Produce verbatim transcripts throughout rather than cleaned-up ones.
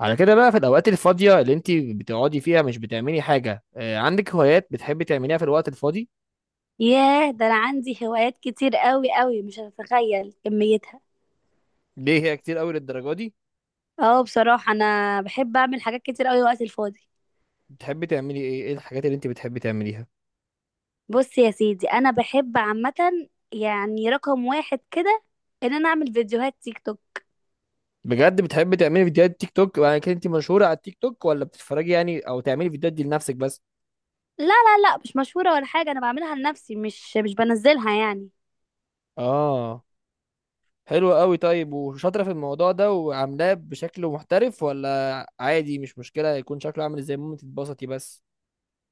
على كده بقى، في الأوقات الفاضية اللي أنت بتقعدي فيها مش بتعملي حاجة، آه، عندك هوايات بتحبي تعمليها في الوقت الفاضي؟ ياه، ده انا عندي هوايات كتير قوي قوي، مش هتتخيل كميتها. ليه هي كتير أوي للدرجة دي؟ اه، بصراحة انا بحب اعمل حاجات كتير قوي وقت الفاضي. بتحبي تعملي إيه؟ إيه الحاجات اللي أنت بتحبي تعمليها؟ بص يا سيدي، انا بحب عامة، يعني رقم واحد كده ان انا اعمل فيديوهات تيك توك. بجد بتحبي تعملي فيديوهات تيك توك؟ يعني كده أنت مشهورة على التيك توك ولا بتتفرجي يعني، أو تعملي فيديوهات دي لنفسك بس؟ لا، لا، لا، مش مشهورة ولا حاجة، انا بعملها لنفسي، مش مش بنزلها يعني. آه. حلو أوي. طيب، وشاطرة في الموضوع ده وعاملاه بشكل محترف ولا عادي؟ مش مشكلة يكون شكله عامل إزاي، المهم تتبسطي بس.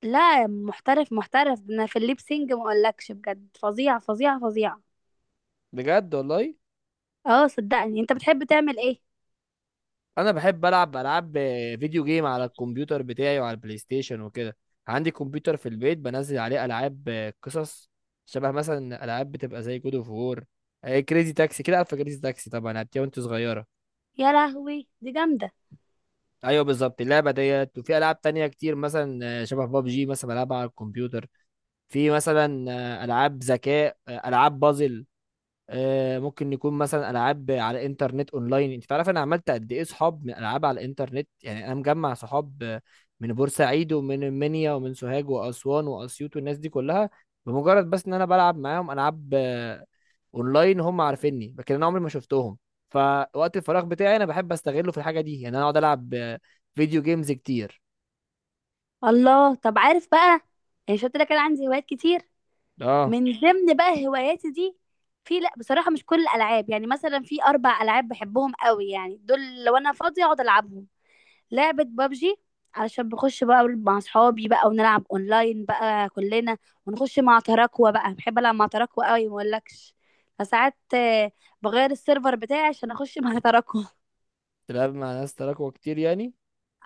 لا، محترف محترف، ده انا في الليبسينج ما اقولكش، بجد فظيعة فظيعة فظيعة. بجد والله؟ اه صدقني، انت بتحب تعمل ايه؟ انا بحب العب العاب فيديو جيم على الكمبيوتر بتاعي وعلى البلاي ستيشن وكده. عندي كمبيوتر في البيت بنزل عليه العاب قصص، شبه مثلا العاب بتبقى زي جود اوف وور، كريزي تاكسي. كده عارفه كريزي تاكسي طبعا لعبتيها وانت صغيره. يا لهوي، دي جامدة. ايوه بالظبط اللعبه ديت. وفي العاب تانية كتير، مثلا آه، شبه بابجي مثلا بلعبها على الكمبيوتر. في مثلا آه، العاب ذكاء، آه، العاب بازل، آه، ممكن يكون مثلا العاب على انترنت اونلاين. انت تعرف انا عملت قد ايه صحاب من العاب على الانترنت؟ يعني انا مجمع صحاب آه، من بورسعيد ومن المنيا ومن سوهاج واسوان واسيوط والناس دي كلها، بمجرد بس ان انا بلعب معاهم العاب آه، اونلاين. هم عارفيني، لكن انا عمري ما شفتهم. فوقت الفراغ بتاعي انا بحب استغله في الحاجه دي، يعني انا اقعد العب آه، فيديو جيمز كتير. الله، طب عارف بقى، يعني شفت لك انا عندي هوايات كتير، اه. من ضمن بقى هواياتي دي. في لا بصراحة مش كل الالعاب، يعني مثلا في اربع العاب بحبهم قوي، يعني دول لو انا فاضية اقعد العبهم. لعبة بابجي، علشان بخش بقى مع اصحابي بقى ونلعب اونلاين بقى كلنا. ونخش مع تراكوة بقى، بحب العب مع تراكوة قوي ما اقولكش. فساعات آه، بغير السيرفر بتاعي عشان اخش مع تراكوة. تلعب مع ناس تراكوة كتير يعني؟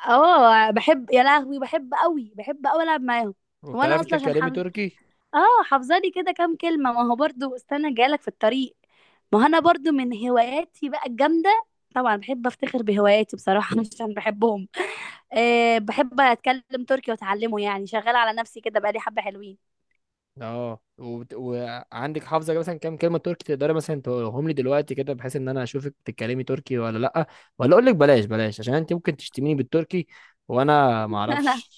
اه بحب، يا لهوي بحب قوي، بحب قوي العب معاهم. وانا وبتعرفي اصلا عشان تتكلمي حافظ تركي؟ اه حافظه لي كده كام كلمه، ما هو برضو استنى جايلك في الطريق. ما هو انا برضو من هواياتي بقى الجامده، طبعا بحب افتخر بهواياتي بصراحه، مش عشان بحبهم. أه بحب اتكلم تركي واتعلمه، يعني شغاله على نفسي كده بقى لي حبه حلوين. اه. وبت... وعندك حافظه مثلا كام كلمه تركي تقدري مثلا تقولهم لي دلوقتي كده، بحيث ان انا اشوفك بتتكلمي تركي ولا لا؟ ولا اقول لك بلاش بلاش عشان انت ممكن تشتميني بالتركي وانا ما اعرفش.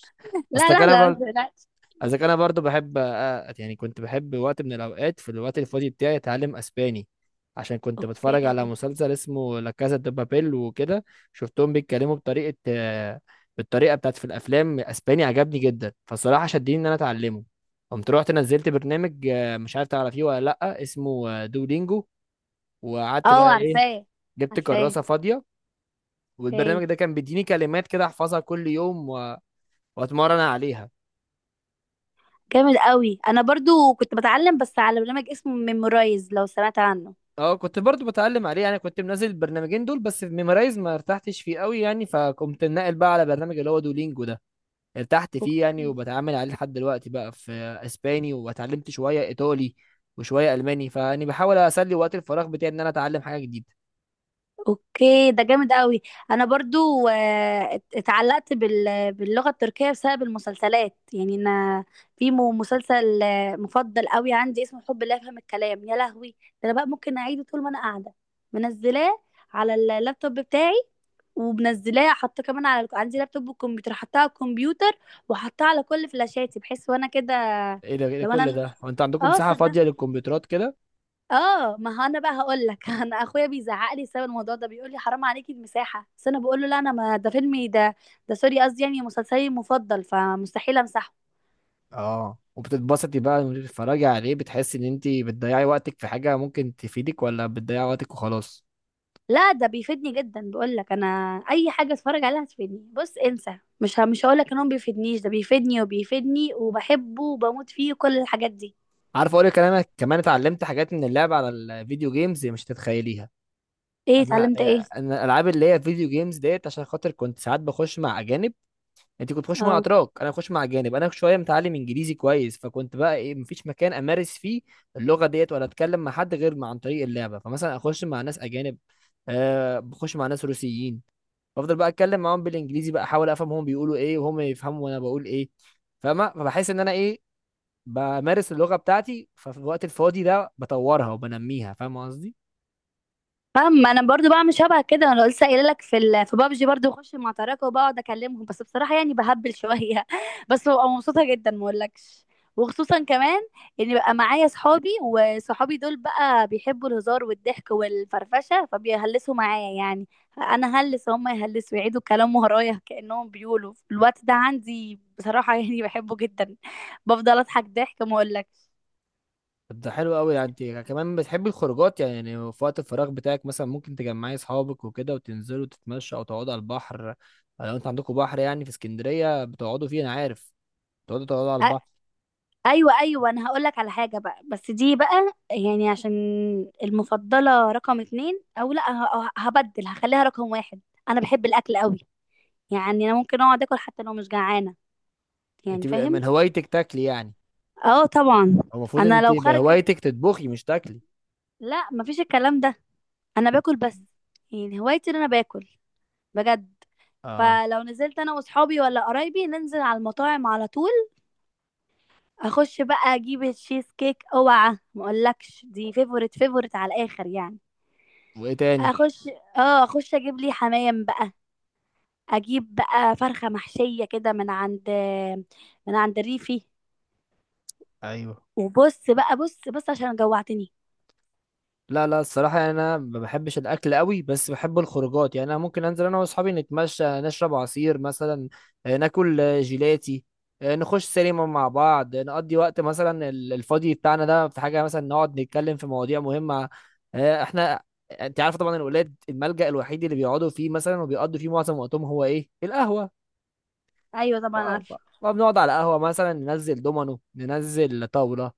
اصلك لا، لا، لا، لا، ما انا، تقلقش. اذا كان انا برضو بحب آه، يعني كنت بحب وقت من الاوقات في الوقت الفاضي بتاعي اتعلم اسباني، عشان كنت اوكي. بتفرج على مسلسل اسمه لا كاسا دي بابيل وكده. شفتهم بيتكلموا بطريقه، آه، بالطريقه بتاعت في الافلام، اسباني عجبني جدا، فالصراحه شدني ان انا اتعلمه. قمت رحت نزلت برنامج، آه، مش عارف تعرفيه ولا لا، اسمه آه، دولينجو. وقعدت اه، بقى ايه، عارفاه، جبت عارفاه. كراسه فاضيه، والبرنامج اوكي، ده كان بيديني كلمات كده احفظها كل يوم و- واتمرن عليها. جامد قوي، انا برضو كنت بتعلم بس على برنامج اسمه ميمورايز، لو سمعت عنه. اه، كنت برضو بتعلم عليه يعني، كنت منزل البرنامجين دول، بس في ميمرايز ما ارتحتش فيه قوي يعني، فقمت ناقل بقى على برنامج اللي هو دولينجو ده. ارتحت فيه يعني، أوكي. وبتعامل عليه لحد دلوقتي بقى في اسباني، واتعلمت شوية ايطالي وشوية الماني، فاني بحاول اسلي وقت الفراغ بتاعي ان انا اتعلم حاجة جديدة. اوكي، ده جامد قوي. انا برضو آه، ات- اتعلقت بال- باللغه التركيه بسبب المسلسلات، يعني انا في م- مسلسل آه، مفضل قوي عندي اسمه حب لا يفهم الكلام، يا لهوي. ده انا بقى ممكن اعيده طول ما انا قاعده، منزلاه على اللابتوب بتاعي، ومنزلاه حاطاه كمان على عندي لابتوب وكمبيوتر، حطاه على الكمبيوتر، وحطاه على كل فلاشاتي بحيث وانا كده. ايه ده، ايه ده لو كل انا، ده؟ هو انت عندكم اه مساحة صدق. فاضية للكمبيوترات كده؟ اه، ما هو انا بقى هقول لك، انا اخويا بيزعق لي بسبب الموضوع ده، بيقول لي حرام عليكي المساحه، بس انا بقول له لا انا، ما ده فيلمي ده. ده سوري، قصدي يعني مسلسلي المفضل، فمستحيل امسحه. اه، وبتتبسطي بقى وانت بتتفرجي عليه؟ بتحسي ان انت بتضيعي وقتك في حاجة ممكن تفيدك، ولا بتضيعي وقتك وخلاص؟ لا، ده بيفيدني جدا، بقول لك انا اي حاجه اتفرج عليها هتفيدني. بص انسى، مش ه... مش هقول لك ان هو ما بيفيدنيش، ده بيفيدني وبيفيدني وبحبه وبموت فيه وكل الحاجات دي. عارف، اقول لك، انا كمان اتعلمت حاجات من اللعب على الفيديو جيمز مش تتخيليها. ايه؟ انا اتعلمت ايه؟ آه، انا الالعاب اللي هي فيديو جيمز ديت، عشان خاطر كنت ساعات بخش مع اجانب. انت كنت بتخش مع اه اتراك، انا بخش مع اجانب. انا شويه متعلم انجليزي كويس، فكنت بقى ايه، مفيش مكان امارس فيه اللغه ديت ولا اتكلم مع حد، غير مع عن طريق اللعبه. فمثلا اخش مع ناس اجانب، آه بخش مع ناس روسيين، بفضل بقى اتكلم معاهم بالانجليزي، بقى احاول افهم هم بيقولوا ايه، وهم يفهموا وانا بقول ايه، فاهمه؟ فبحس ان انا ايه، بمارس اللغة بتاعتي. ففي الوقت الفاضي ده بطورها وبنميها، فاهم قصدي؟ فاهم. انا برضو بعمل شبه كده، انا لسه قايله لك في ال... في بابجي برضو اخش مع تراكة وبقعد اكلمهم، بس بصراحه يعني بهبل شويه بس ببقى مبسوطه جدا ما اقولكش. وخصوصا كمان، ان بقى معايا صحابي، وصحابي دول بقى بيحبوا الهزار والضحك والفرفشه، فبيهلسوا معايا يعني. انا هلس، هم يهلسوا، يعيدوا كلام ورايا كانهم بيقولوا، الوقت ده عندي بصراحه، يعني بحبه جدا. بفضل اضحك ضحك ما اقولكش. طب ده حلو قوي. يعني انت كمان بتحبي الخروجات يعني يعني في وقت الفراغ بتاعك مثلا ممكن تجمعي اصحابك وكده وتنزلوا تتمشوا او تقعدوا على البحر، آه، لو انت عندكم بحر يعني في اسكندرية بتقعدوا فيه انا عارف. بتقعدوا تقعدوا على البحر. ايوه، ايوه، انا هقول لك على حاجه بقى، بس دي بقى يعني عشان المفضله رقم اتنين، او لا، ه- ه- هبدل هخليها رقم واحد. انا بحب الاكل قوي، يعني انا ممكن اقعد اكل حتى لو مش جعانه، يعني انت بقى فاهم؟ من هوايتك تاكلي يعني؟ اه، طبعا. هو المفروض ان انا انت لو خارجه، بهوايتك تطبخي مش تاكلي. لا مفيش الكلام ده، انا باكل بس، يعني هوايتي ان انا باكل، بجد. اه. فلو نزلت انا واصحابي ولا قرايبي، ننزل على المطاعم على طول، اخش بقى اجيب التشيز كيك، اوعى ما اقولكش دي فيفورت فيفورت على الاخر يعني. وايه تاني؟ اخش اه اخش اجيب لي حمام بقى، اجيب بقى فرخه محشيه كده من عند من عند الريفي. ايوه. وبص بقى بص بص، عشان جوعتني. لا، لا، الصراحة يعني أنا ما بحبش الأكل قوي، بس بحب الخروجات، يعني أنا ممكن أنزل أنا وأصحابي نتمشى، نشرب عصير مثلا، آه، ناكل آه، جيلاتي، آه، نخش سينما مع بعض، آه، نقضي وقت مثلا ال- الفاضي بتاعنا ده في حاجة مثلا نقعد نتكلم في مواضيع مهمة، آه، إحنا أنت عارف طبعا الولاد، الملجأ الوحيد اللي بيقعدوا فيه مثلا وبيقضوا فيه معظم وقتهم هو إيه؟ القهوة. ايوه طبعا آه، ف- عارفه. فبنقعد على قهوة مثلا، ننزل دومينو، ننزل طاولة،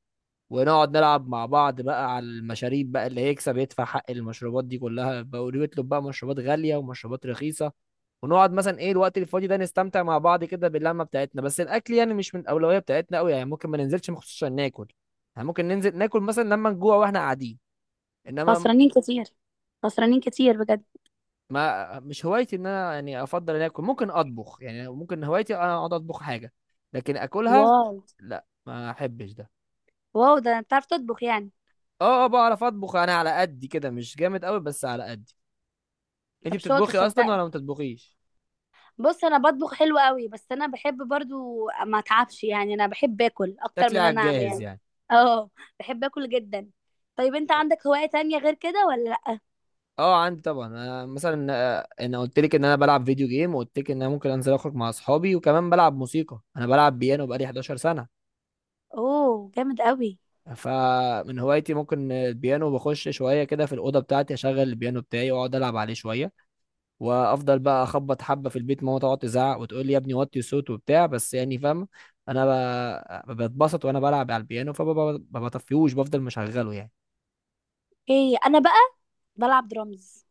ونقعد نلعب مع بعض بقى على المشاريب بقى، اللي هيكسب يدفع حق المشروبات دي كلها بقى، ويطلب بقى مشروبات غالية ومشروبات رخيصة، ونقعد مثلا ايه الوقت الفاضي ده نستمتع مع بعض كده باللمة بتاعتنا. بس الأكل يعني مش من الأولوية بتاعتنا قوي، يعني ممكن ما ننزلش مخصوص عشان ناكل، يعني ممكن ننزل ناكل مثلا لما نجوع واحنا قاعدين، انما خسرانين كتير، خسرانين كتير بجد. ما مش هوايتي ان انا يعني افضل ان اكل. ممكن اطبخ يعني، ممكن هوايتي انا اقعد اطبخ حاجة، لكن اكلها واو. لا ما احبش ده. واو، ده انت بتعرف تطبخ يعني؟ اه، اه، بعرف اطبخ، انا على قدي كده مش جامد قوي، بس على قدي. انت طب شاطر بتطبخي اصلا صدقني. ولا ما بتطبخيش؟ بص انا بطبخ حلو قوي، بس انا بحب برضو ما اتعبش، يعني انا بحب اكل اكتر من تاكلي إن على انا اعمل الجاهز يعني. يعني؟ اه، بحب اكل جدا. طيب، انت عندك هواية تانية غير كده ولا لا؟ اه، عندي طبعا. انا مثلا آه، انا قلت لك ان انا بلعب فيديو جيم، وقلت لك ان انا ممكن انزل اخرج مع اصحابي، وكمان بلعب موسيقى. انا بلعب بيانو بقالي احداشر سنة سنه. اوه، جامد قوي. فمن هوايتي ممكن البيانو، بخش شويه كده في الاوضه بتاعتي، اشغل البيانو بتاعي واقعد العب عليه شويه، وافضل بقى اخبط حبه في البيت، ماما تقعد تزعق وتقول لي يا ابني وطي صوت وبتاع، بس يعني فاهم، انا ب- بتبسط وانا بلعب على البيانو، فما بطفيهوش، بفضل مشغله يعني. ايه، انا بقى بلعب درامز.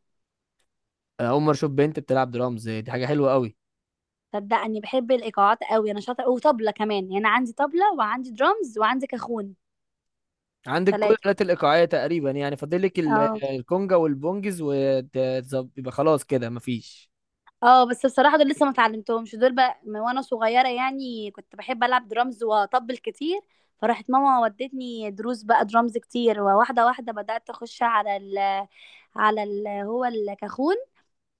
انا اول مره اشوف بنت بتلعب درامز، دي حاجه حلوه قوي. صدقني بحب الايقاعات قوي، انا شاطره، وطبله كمان، يعني عندي طبله وعندي درامز وعندي كاخون. عندك كل الالات ثلاثه. الايقاعيه تقريبا يعني، فاضل لك ال- اه. الكونجا والبونجز، ويبقى خلاص كده مفيش. اه، بس بصراحه دول لسه ما اتعلمتهمش، دول بقى من وانا صغيره، يعني كنت بحب العب درامز واطبل كتير. فراحت ماما ودتني دروس بقى درامز كتير، وواحده واحده بدات اخش على ال على ال هو الكاخون.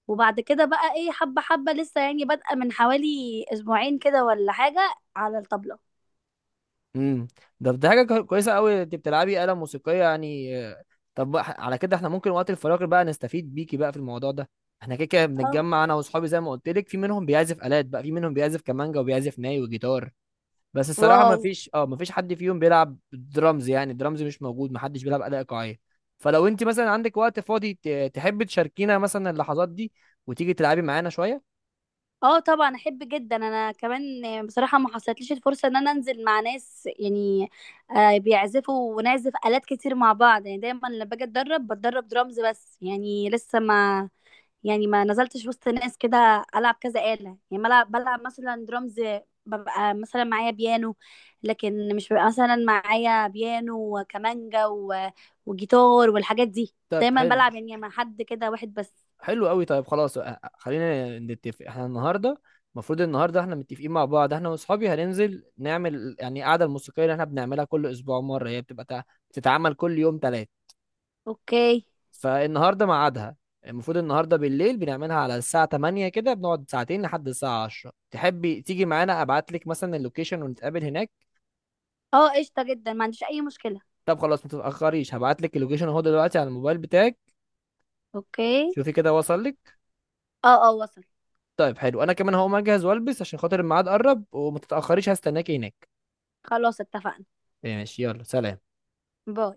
وبعد كده بقى ايه، حبه حبه لسه يعني بادئه من حوالي اسبوعين كده ولا حاجه، على الطبله. امم ده ده حاجه كو- كويسه قوي، انت بتلعبي آلة موسيقيه يعني آه، طب بقى على كده احنا ممكن وقت الفراغ بقى نستفيد بيكي بقى في الموضوع ده. احنا كده كده اه. بنتجمع انا واصحابي، زي ما قلت لك، في منهم بيعزف آلات بقى، في منهم بيعزف كمانجا وبيعزف ناي وجيتار، بس الصراحه ما واو. فيش اه ما فيش حد فيهم بيلعب درامز، يعني درامز مش موجود، ما حدش بيلعب اداء ايقاعيه. فلو انت مثلا عندك وقت فاضي ت- تحب تشاركينا مثلا اللحظات دي، وتيجي تلعبي معانا شويه. اه طبعا، احب جدا. انا كمان بصراحه ما حصلتليش الفرصه ان انا انزل مع ناس يعني آه، بيعزفوا ونعزف الات كتير مع بعض، يعني دايما لما باجي اتدرب بتدرب درامز بس، يعني لسه ما. يعني ما نزلتش وسط ناس كده العب كذا آلة، يعني بلعب بلعب مثلا درامز. ببقى مثلا معايا بيانو، لكن مش ببقى مثلا معايا بيانو وكمانجا و- وجيتار والحاجات دي، طيب دايما حلو، بلعب يعني مع حد كده واحد بس. حلو قوي. طيب خلاص، أ- أ- خلينا نتفق احنا النهارده. المفروض النهارده احنا متفقين مع بعض، احنا واصحابي هننزل نعمل يعني القعده الموسيقيه اللي احنا بنعملها كل اسبوع مره، هي بتبقى تع- بتتعمل كل يوم ثلاث، اوكي. فالنهارده ميعادها. المفروض النهارده بالليل بنعملها على الساعة تمانية كده، بنقعد ساعتين لحد الساعة عشرة. تحبي تيجي معانا؟ ابعت لك مثلا اللوكيشن ونتقابل هناك. اه قشطه جدا، ما عنديش اي مشكله. طب خلاص ما تتأخريش. هبعت لك اللوكيشن اهو دلوقتي على الموبايل بتاعك. اوكي. شوفي كده، وصل لك؟ اه، اه، وصل. طيب حلو، انا كمان هقوم اجهز والبس عشان خاطر الميعاد قرب، وما تتأخريش، هستناكي هناك. خلاص، اتفقنا. ماشي، يلا سلام. باي.